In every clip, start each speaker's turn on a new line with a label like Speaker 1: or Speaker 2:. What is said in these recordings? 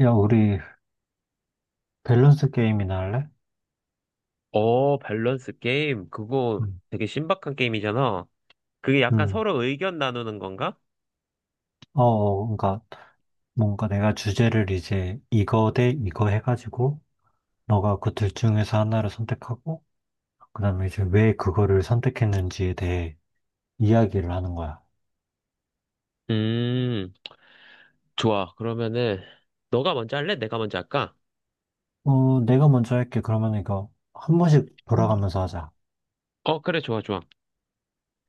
Speaker 1: 야, 우리 밸런스 게임이나 할래?
Speaker 2: 어, 밸런스 게임. 그거
Speaker 1: 응.
Speaker 2: 되게 신박한 게임이잖아. 그게 약간
Speaker 1: 응.
Speaker 2: 서로 의견 나누는 건가?
Speaker 1: 그러니까 뭔가 내가 주제를 이제 이거 대 이거 해가지고 너가 그 둘 중에서 하나를 선택하고, 그다음에 이제 왜 그거를 선택했는지에 대해 이야기를 하는 거야.
Speaker 2: 음, 좋아. 그러면은, 너가 먼저 할래? 내가 먼저 할까?
Speaker 1: 어, 내가 먼저 할게. 그러면 이거 한 번씩
Speaker 2: 음.
Speaker 1: 돌아가면서 하자.
Speaker 2: 어, 그래, 좋아, 좋아.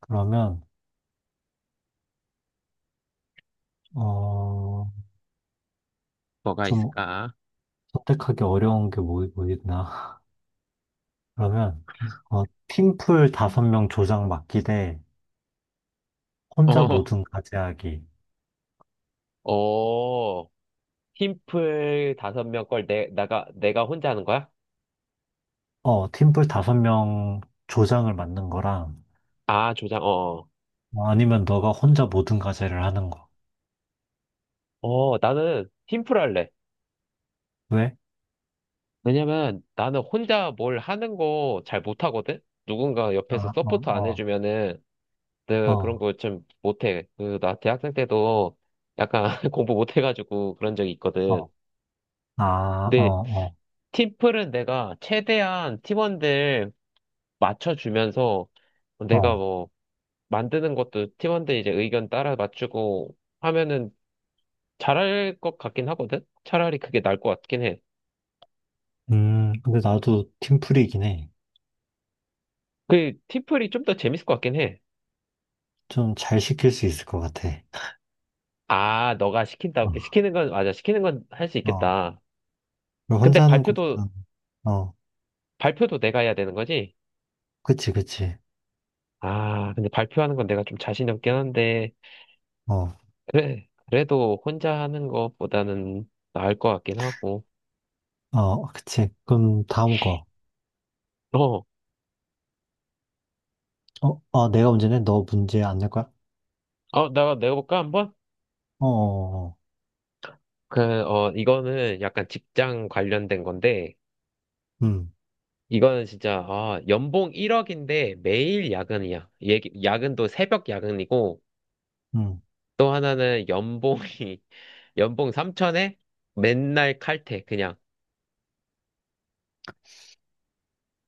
Speaker 1: 그러면 어,
Speaker 2: 뭐가
Speaker 1: 좀
Speaker 2: 있을까?
Speaker 1: 선택하기 어려운 게 뭐 있나? 그러면 팀플 다섯 명 조장 맡기 대 혼자
Speaker 2: 어,
Speaker 1: 모든 과제하기.
Speaker 2: 어, 팀플 5명 걸 내가 혼자 하는 거야?
Speaker 1: 어, 팀플 다섯 명 조장을 맡는 거랑,
Speaker 2: 아, 조장,
Speaker 1: 어, 아니면 너가 혼자 모든 과제를 하는 거.
Speaker 2: 나는 팀플 할래.
Speaker 1: 왜?
Speaker 2: 왜냐면 나는 혼자 뭘 하는 거 잘 못하거든? 누군가 옆에서
Speaker 1: 아,
Speaker 2: 서포트 안
Speaker 1: 어,
Speaker 2: 해주면은
Speaker 1: 어,
Speaker 2: 내가 그런
Speaker 1: 어,
Speaker 2: 거 좀 못해. 나 대학생 때도 약간 공부 못해가지고 그런 적이
Speaker 1: 어,
Speaker 2: 있거든.
Speaker 1: 아,
Speaker 2: 근데
Speaker 1: 어,
Speaker 2: 팀플은 내가 최대한 팀원들 맞춰주면서
Speaker 1: 어,
Speaker 2: 내가
Speaker 1: 어.
Speaker 2: 뭐 만드는 것도 팀원들 이제 의견 따라 맞추고 하면은 잘할 것 같긴 하거든? 차라리 그게 나을 것 같긴 해.
Speaker 1: 근데 나도 팀플이긴 해.
Speaker 2: 그 팀플이 좀 더 재밌을 것 같긴 해.
Speaker 1: 좀 잘 시킬 수 있을 것 같아.
Speaker 2: 아, 너가 시키는 건, 맞아, 시키는 건 할 수
Speaker 1: 어, 어.
Speaker 2: 있겠다. 근데
Speaker 1: 혼자 하는
Speaker 2: 발표도,
Speaker 1: 것보다는, 어,
Speaker 2: 발표도 내가 해야 되는 거지?
Speaker 1: 그치, 그치.
Speaker 2: 아, 근데 발표하는 건 내가 좀 자신이 없긴 한데,
Speaker 1: 어,
Speaker 2: 그래, 그래도 혼자 하는 것보다는 나을 것 같긴 하고.
Speaker 1: 어, 그치. 그럼 다음 거.
Speaker 2: 어,
Speaker 1: 어, 어, 내가 문제 내? 너 문제 안 낼 거야?
Speaker 2: 내가 내볼까, 한번?
Speaker 1: 어, 어, 어.
Speaker 2: 이거는 약간 직장 관련된 건데,
Speaker 1: 음,
Speaker 2: 이거는 진짜, 아, 연봉 1억인데 매일 야근이야. 야근도 새벽 야근이고,
Speaker 1: 음.
Speaker 2: 또 하나는 연봉 3천에 맨날 칼퇴, 그냥.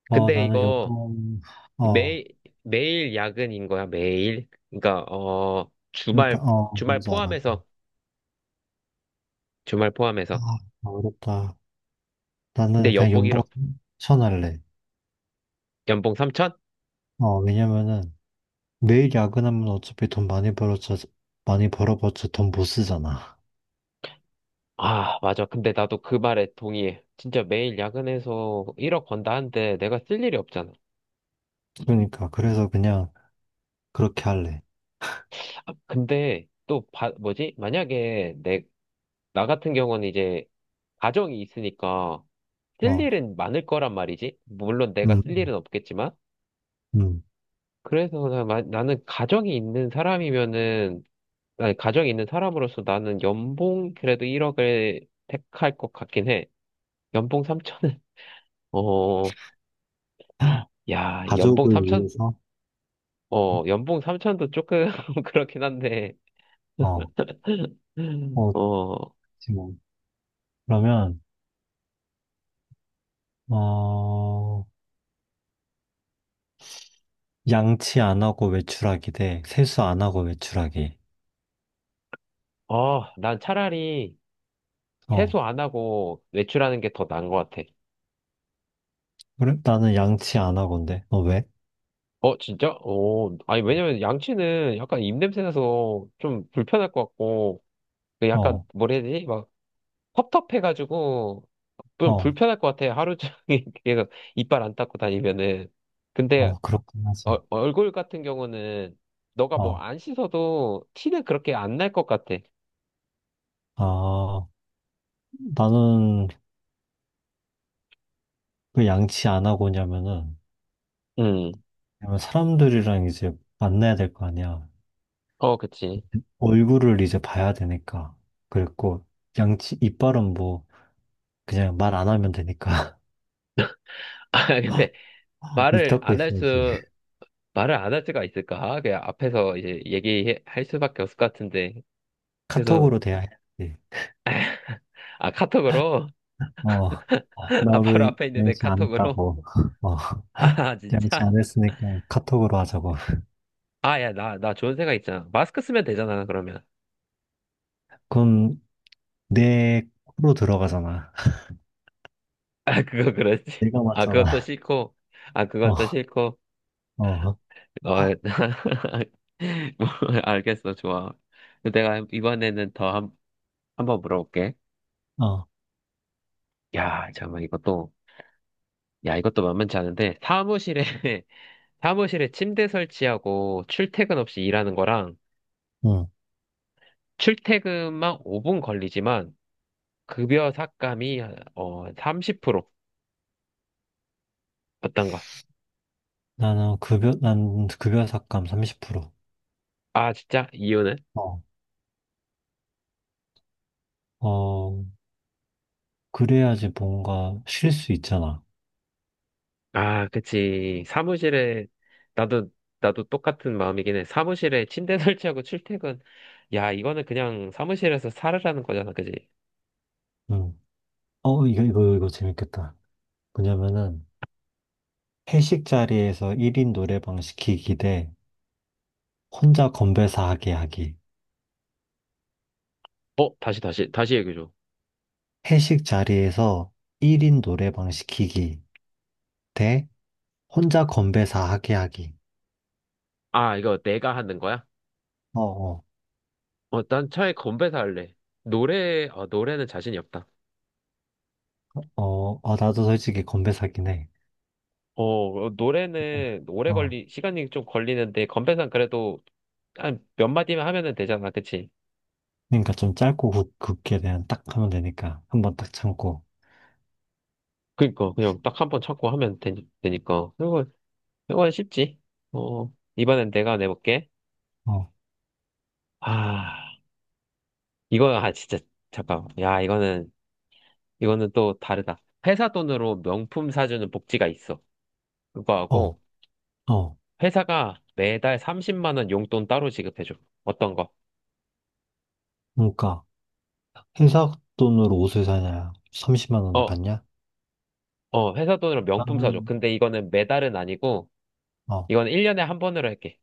Speaker 1: 어,
Speaker 2: 근데
Speaker 1: 나는
Speaker 2: 이거,
Speaker 1: 요번, 어,
Speaker 2: 매, 매일 야근인 거야, 매일? 그러니까,
Speaker 1: 그러니까 어
Speaker 2: 주말
Speaker 1: 뭔지 알아.
Speaker 2: 포함해서, 주말 포함해서.
Speaker 1: 아 어렵다. 나는
Speaker 2: 근데
Speaker 1: 그냥
Speaker 2: 연봉
Speaker 1: 연봉
Speaker 2: 1억,
Speaker 1: 천할래.
Speaker 2: 연봉 3천?
Speaker 1: 어, 왜냐면은 매일 야근하면 어차피 돈 많이 벌어져, 많이 벌어봤자 돈 못 쓰잖아.
Speaker 2: 아, 맞아. 근데 나도 그 말에 동의해. 진짜 매일 야근해서 1억 번다 한데 내가 쓸 일이 없잖아.
Speaker 1: 그러니까 그래서 그냥 그렇게 할래.
Speaker 2: 아, 근데 또, 뭐지? 만약에 나 같은 경우는 이제 가정이 있으니까 쓸
Speaker 1: 어,
Speaker 2: 일은 많을 거란 말이지. 물론 내가
Speaker 1: 음,
Speaker 2: 쓸 일은 없겠지만.
Speaker 1: 음.
Speaker 2: 그래서 나는 가정이 있는 사람이면은 아니, 가정이 있는 사람으로서 나는 연봉 그래도 1억을 택할 것 같긴 해. 연봉 3천은, 어, 야, 연봉
Speaker 1: 가족을
Speaker 2: 3천,
Speaker 1: 위해서.
Speaker 2: 연봉 3천도 조금 그렇긴 한데,
Speaker 1: 어, 어,
Speaker 2: 어,
Speaker 1: 지금 뭐. 그러면 어 양치 안 하고 외출하기 대 세수 안 하고 외출하기.
Speaker 2: 난 차라리
Speaker 1: 어
Speaker 2: 세수 안 하고 외출하는 게 더 나은 것 같아.
Speaker 1: 그래, 나는 양치 안 하건데. 너 왜?
Speaker 2: 어, 진짜? 어, 아니, 왜냐면 양치는 약간 입냄새 나서 좀 불편할 것 같고,
Speaker 1: 어
Speaker 2: 약간, 뭐라 해야 되지? 텁텁해가지고 좀
Speaker 1: 어.
Speaker 2: 불편할 것 같아요. 하루 종일 계속 이빨 안 닦고 다니면은. 근데
Speaker 1: 어, 그렇긴 하지.
Speaker 2: 얼굴 같은 경우는 너가 뭐
Speaker 1: 어,
Speaker 2: 안 씻어도 티는 그렇게 안 날 것 같아.
Speaker 1: 아, 나는 왜 양치 안 하고 오냐면은,
Speaker 2: 음,
Speaker 1: 왜냐면 사람들이랑 이제 만나야 될 거 아니야.
Speaker 2: 어, 그치.
Speaker 1: 얼굴을 이제 봐야 되니까. 그랬고, 양치, 이빨은 뭐, 그냥 말 안 하면 되니까.
Speaker 2: 아, 근데
Speaker 1: 입
Speaker 2: 말을
Speaker 1: 닫고
Speaker 2: 안 할
Speaker 1: 있어야지.
Speaker 2: 수, 말을 안 할 수가 있을까? 그냥 앞에서 이제 얘기할 수밖에 없을 것 같은데. 그래서,
Speaker 1: 카톡으로 돼야 해야지.
Speaker 2: 아, 카톡으로?
Speaker 1: 어, 나
Speaker 2: 아, 바로
Speaker 1: 오늘
Speaker 2: 앞에 있는데
Speaker 1: 양치 안
Speaker 2: 카톡으로?
Speaker 1: 했다고. 어,
Speaker 2: 아,
Speaker 1: 양치
Speaker 2: 진짜?
Speaker 1: 안 했으니까 카톡으로 하자고.
Speaker 2: 아, 야, 나 좋은 생각 있잖아. 마스크 쓰면 되잖아, 그러면.
Speaker 1: 그럼 내 코로 들어가잖아.
Speaker 2: 아, 그거 그렇지.
Speaker 1: 내가
Speaker 2: 아, 그것도
Speaker 1: 맞잖아.
Speaker 2: 싫고. 아, 그것도
Speaker 1: 어,
Speaker 2: 싫고.
Speaker 1: 어.
Speaker 2: 어, 뭐, 알겠어, 좋아. 내가 이번에는 더 한번 물어볼게.
Speaker 1: 어.
Speaker 2: 야, 잠깐만, 야, 이것도 만만치 않은데, 사무실에, 사무실에 침대 설치하고 출퇴근 없이 일하는 거랑,
Speaker 1: 응,
Speaker 2: 출퇴근만 5분 걸리지만, 급여 삭감이, 30% 어떤가?
Speaker 1: 나는 난 급여 삭감 30%.
Speaker 2: 아, 진짜? 이유는?
Speaker 1: 어, 어, 그래야지 뭔가 쉴 수 있잖아.
Speaker 2: 아, 그치. 나도, 나도 똑같은 마음이긴 해. 사무실에 침대 설치하고 출퇴근. 야, 이거는 그냥 사무실에서 살으라는 거잖아, 그지?
Speaker 1: 응. 어, 이거 재밌겠다. 뭐냐면은, 회식 자리에서 1인 노래방 시키기 대 혼자 건배사 하게 하기.
Speaker 2: 어, 다시, 다시, 다시 얘기해줘.
Speaker 1: 회식 자리에서 1인 노래방 시키기 대 혼자 건배사 하게 하기.
Speaker 2: 아, 이거 내가 하는 거야?
Speaker 1: 어, 어,
Speaker 2: 어, 난 차라리 건배사 할래. 노래는 자신이 없다.
Speaker 1: 어, 어, 나도 솔직히 건배사긴 해.
Speaker 2: 어,
Speaker 1: 그냥,
Speaker 2: 노래는
Speaker 1: 어.
Speaker 2: 시간이 좀 걸리는데, 건배사는 그래도 한 몇 마디만 하면은 되잖아, 그치?
Speaker 1: 그러니까 좀 짧고 굵게 그냥 딱 하면 되니까. 한번 딱 참고.
Speaker 2: 그니까, 그냥 딱 한 번 찾고 하면 되니까. 이건 쉽지. 어, 이번엔 내가 내볼게.
Speaker 1: 어,
Speaker 2: 아, 이거, 아, 진짜, 잠깐. 야, 이거는 또 다르다. 회사 돈으로 명품 사주는 복지가 있어.
Speaker 1: 어,
Speaker 2: 그거하고,
Speaker 1: 어.
Speaker 2: 회사가 매달 30만 원 용돈 따로 지급해줘. 어떤 거?
Speaker 1: 그러니까 회사 돈으로 옷을 사냐? 30만 원을
Speaker 2: 어,
Speaker 1: 받냐?
Speaker 2: 회사 돈으로 명품 사줘.
Speaker 1: 나는
Speaker 2: 근데 이거는 매달은 아니고,
Speaker 1: 어.
Speaker 2: 이건 1년에 한 번으로 할게.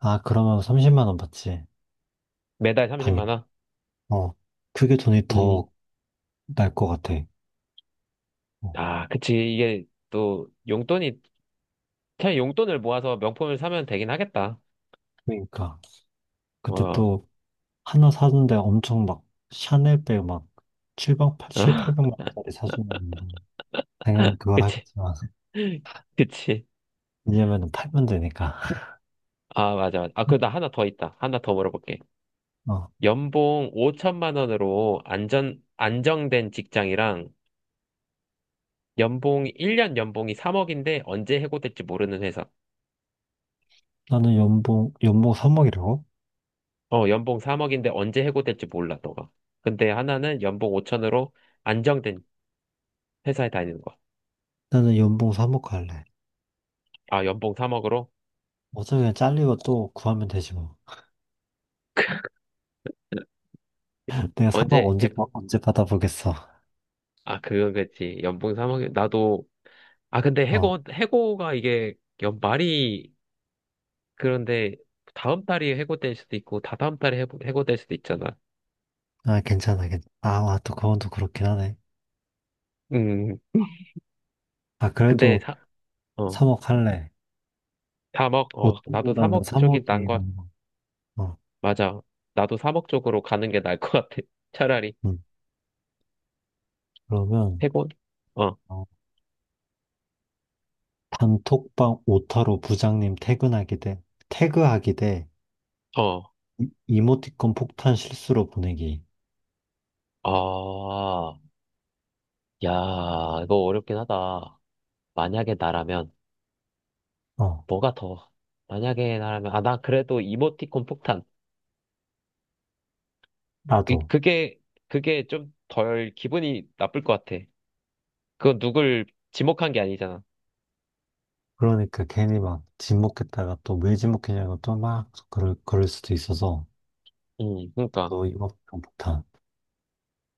Speaker 1: 아, 그러면 30만 원 받지.
Speaker 2: 매달 30만
Speaker 1: 당연히.
Speaker 2: 원?
Speaker 1: 어. 그게 돈이
Speaker 2: 음,
Speaker 1: 더 날 것 같아. 어.
Speaker 2: 아, 그치. 이게 또, 그냥 용돈을 모아서 명품을 사면 되긴 하겠다.
Speaker 1: 그러니까. 근데
Speaker 2: 어,
Speaker 1: 또 하나 사는데 엄청 막 샤넬백 막7백 칠, 팔 800만 원짜리 사주면 당연히 그걸
Speaker 2: 그치.
Speaker 1: 하겠지만.
Speaker 2: 그치.
Speaker 1: 왜냐면은 팔면 되니까.
Speaker 2: 아, 맞아, 맞아. 아, 그리고 나 하나 더 있다. 하나 더 물어볼게.
Speaker 1: 어.
Speaker 2: 연봉 5천만 원으로 안정된 직장이랑 1년 연봉이 3억인데 언제 해고될지 모르는 회사.
Speaker 1: 나는 연봉, 연봉 삼억이라고,
Speaker 2: 어, 연봉 3억인데 언제 해고될지 몰라, 너가. 근데 하나는 연봉 5천으로 안정된 회사에 다니는 거.
Speaker 1: 나는 연봉 삼억 할래.
Speaker 2: 아, 연봉 3억으로?
Speaker 1: 어차피 그냥 잘리고 또 구하면 되지 뭐. 내가 3억
Speaker 2: 언제,
Speaker 1: 언제,
Speaker 2: 해...
Speaker 1: 언제 받아보겠어.
Speaker 2: 아, 그건 그렇지. 연봉 3억, 나도, 아, 근데
Speaker 1: 어,
Speaker 2: 해고가 이게 연 말이 그런데 다음 달이 해고될 수도 있고, 다다음 달에 해고될 수도 있잖아.
Speaker 1: 아, 괜찮아, 괜찮아. 아, 와, 또 그건 또 그렇긴 하네.
Speaker 2: 음,
Speaker 1: 아,
Speaker 2: 근데
Speaker 1: 그래도
Speaker 2: 사, 어.
Speaker 1: 3억 할래.
Speaker 2: 3억, 나도
Speaker 1: 보통보다는
Speaker 2: 3억 쪽이 난 것,
Speaker 1: 3억이란 거. 어,
Speaker 2: 맞아. 나도 3억 쪽으로 가는 게 나을 것 같아. 차라리.
Speaker 1: 음. 그러면,
Speaker 2: 해본? 어,
Speaker 1: 어, 단톡방 오타로 부장님 퇴근하기 대, 태그하기 대,
Speaker 2: 어,
Speaker 1: 이모티콘 폭탄 실수로 보내기.
Speaker 2: 아, 야, 이거 어렵긴 하다. 만약에 나라면,
Speaker 1: 어,
Speaker 2: 뭐가 더, 만약에 나라면, 아, 나 그래도 이모티콘 폭탄. 이,
Speaker 1: 나도.
Speaker 2: 그게, 그게 좀 덜 기분이 나쁠 것 같아. 그건 누굴 지목한 게 아니잖아.
Speaker 1: 그러니까 괜히 막 지목했다가 또 왜 지목했냐고 또 막 그럴 수도 있어서,
Speaker 2: 그러니까.
Speaker 1: 또 이모티콘 폭탄.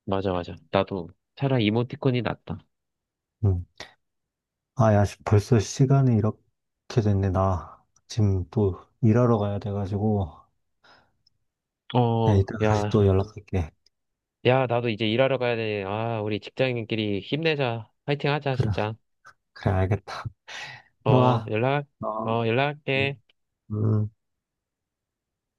Speaker 2: 맞아, 맞아. 나도 차라리 이모티콘이 낫다.
Speaker 1: 음. 아, 야, 씨, 벌써 시간이 이렇게 됐네. 나 지금 또 일하러 가야 돼가지고. 네,
Speaker 2: 어,
Speaker 1: 이따가 다시 또
Speaker 2: 야,
Speaker 1: 연락할게.
Speaker 2: 야, 나도 이제 일하러 가야 돼. 아, 우리 직장인끼리 힘내자. 파이팅 하자,
Speaker 1: 그래,
Speaker 2: 진짜.
Speaker 1: 그래, 알겠다.
Speaker 2: 어,
Speaker 1: 들어가. 어,
Speaker 2: 연락할게.
Speaker 1: 음. 음.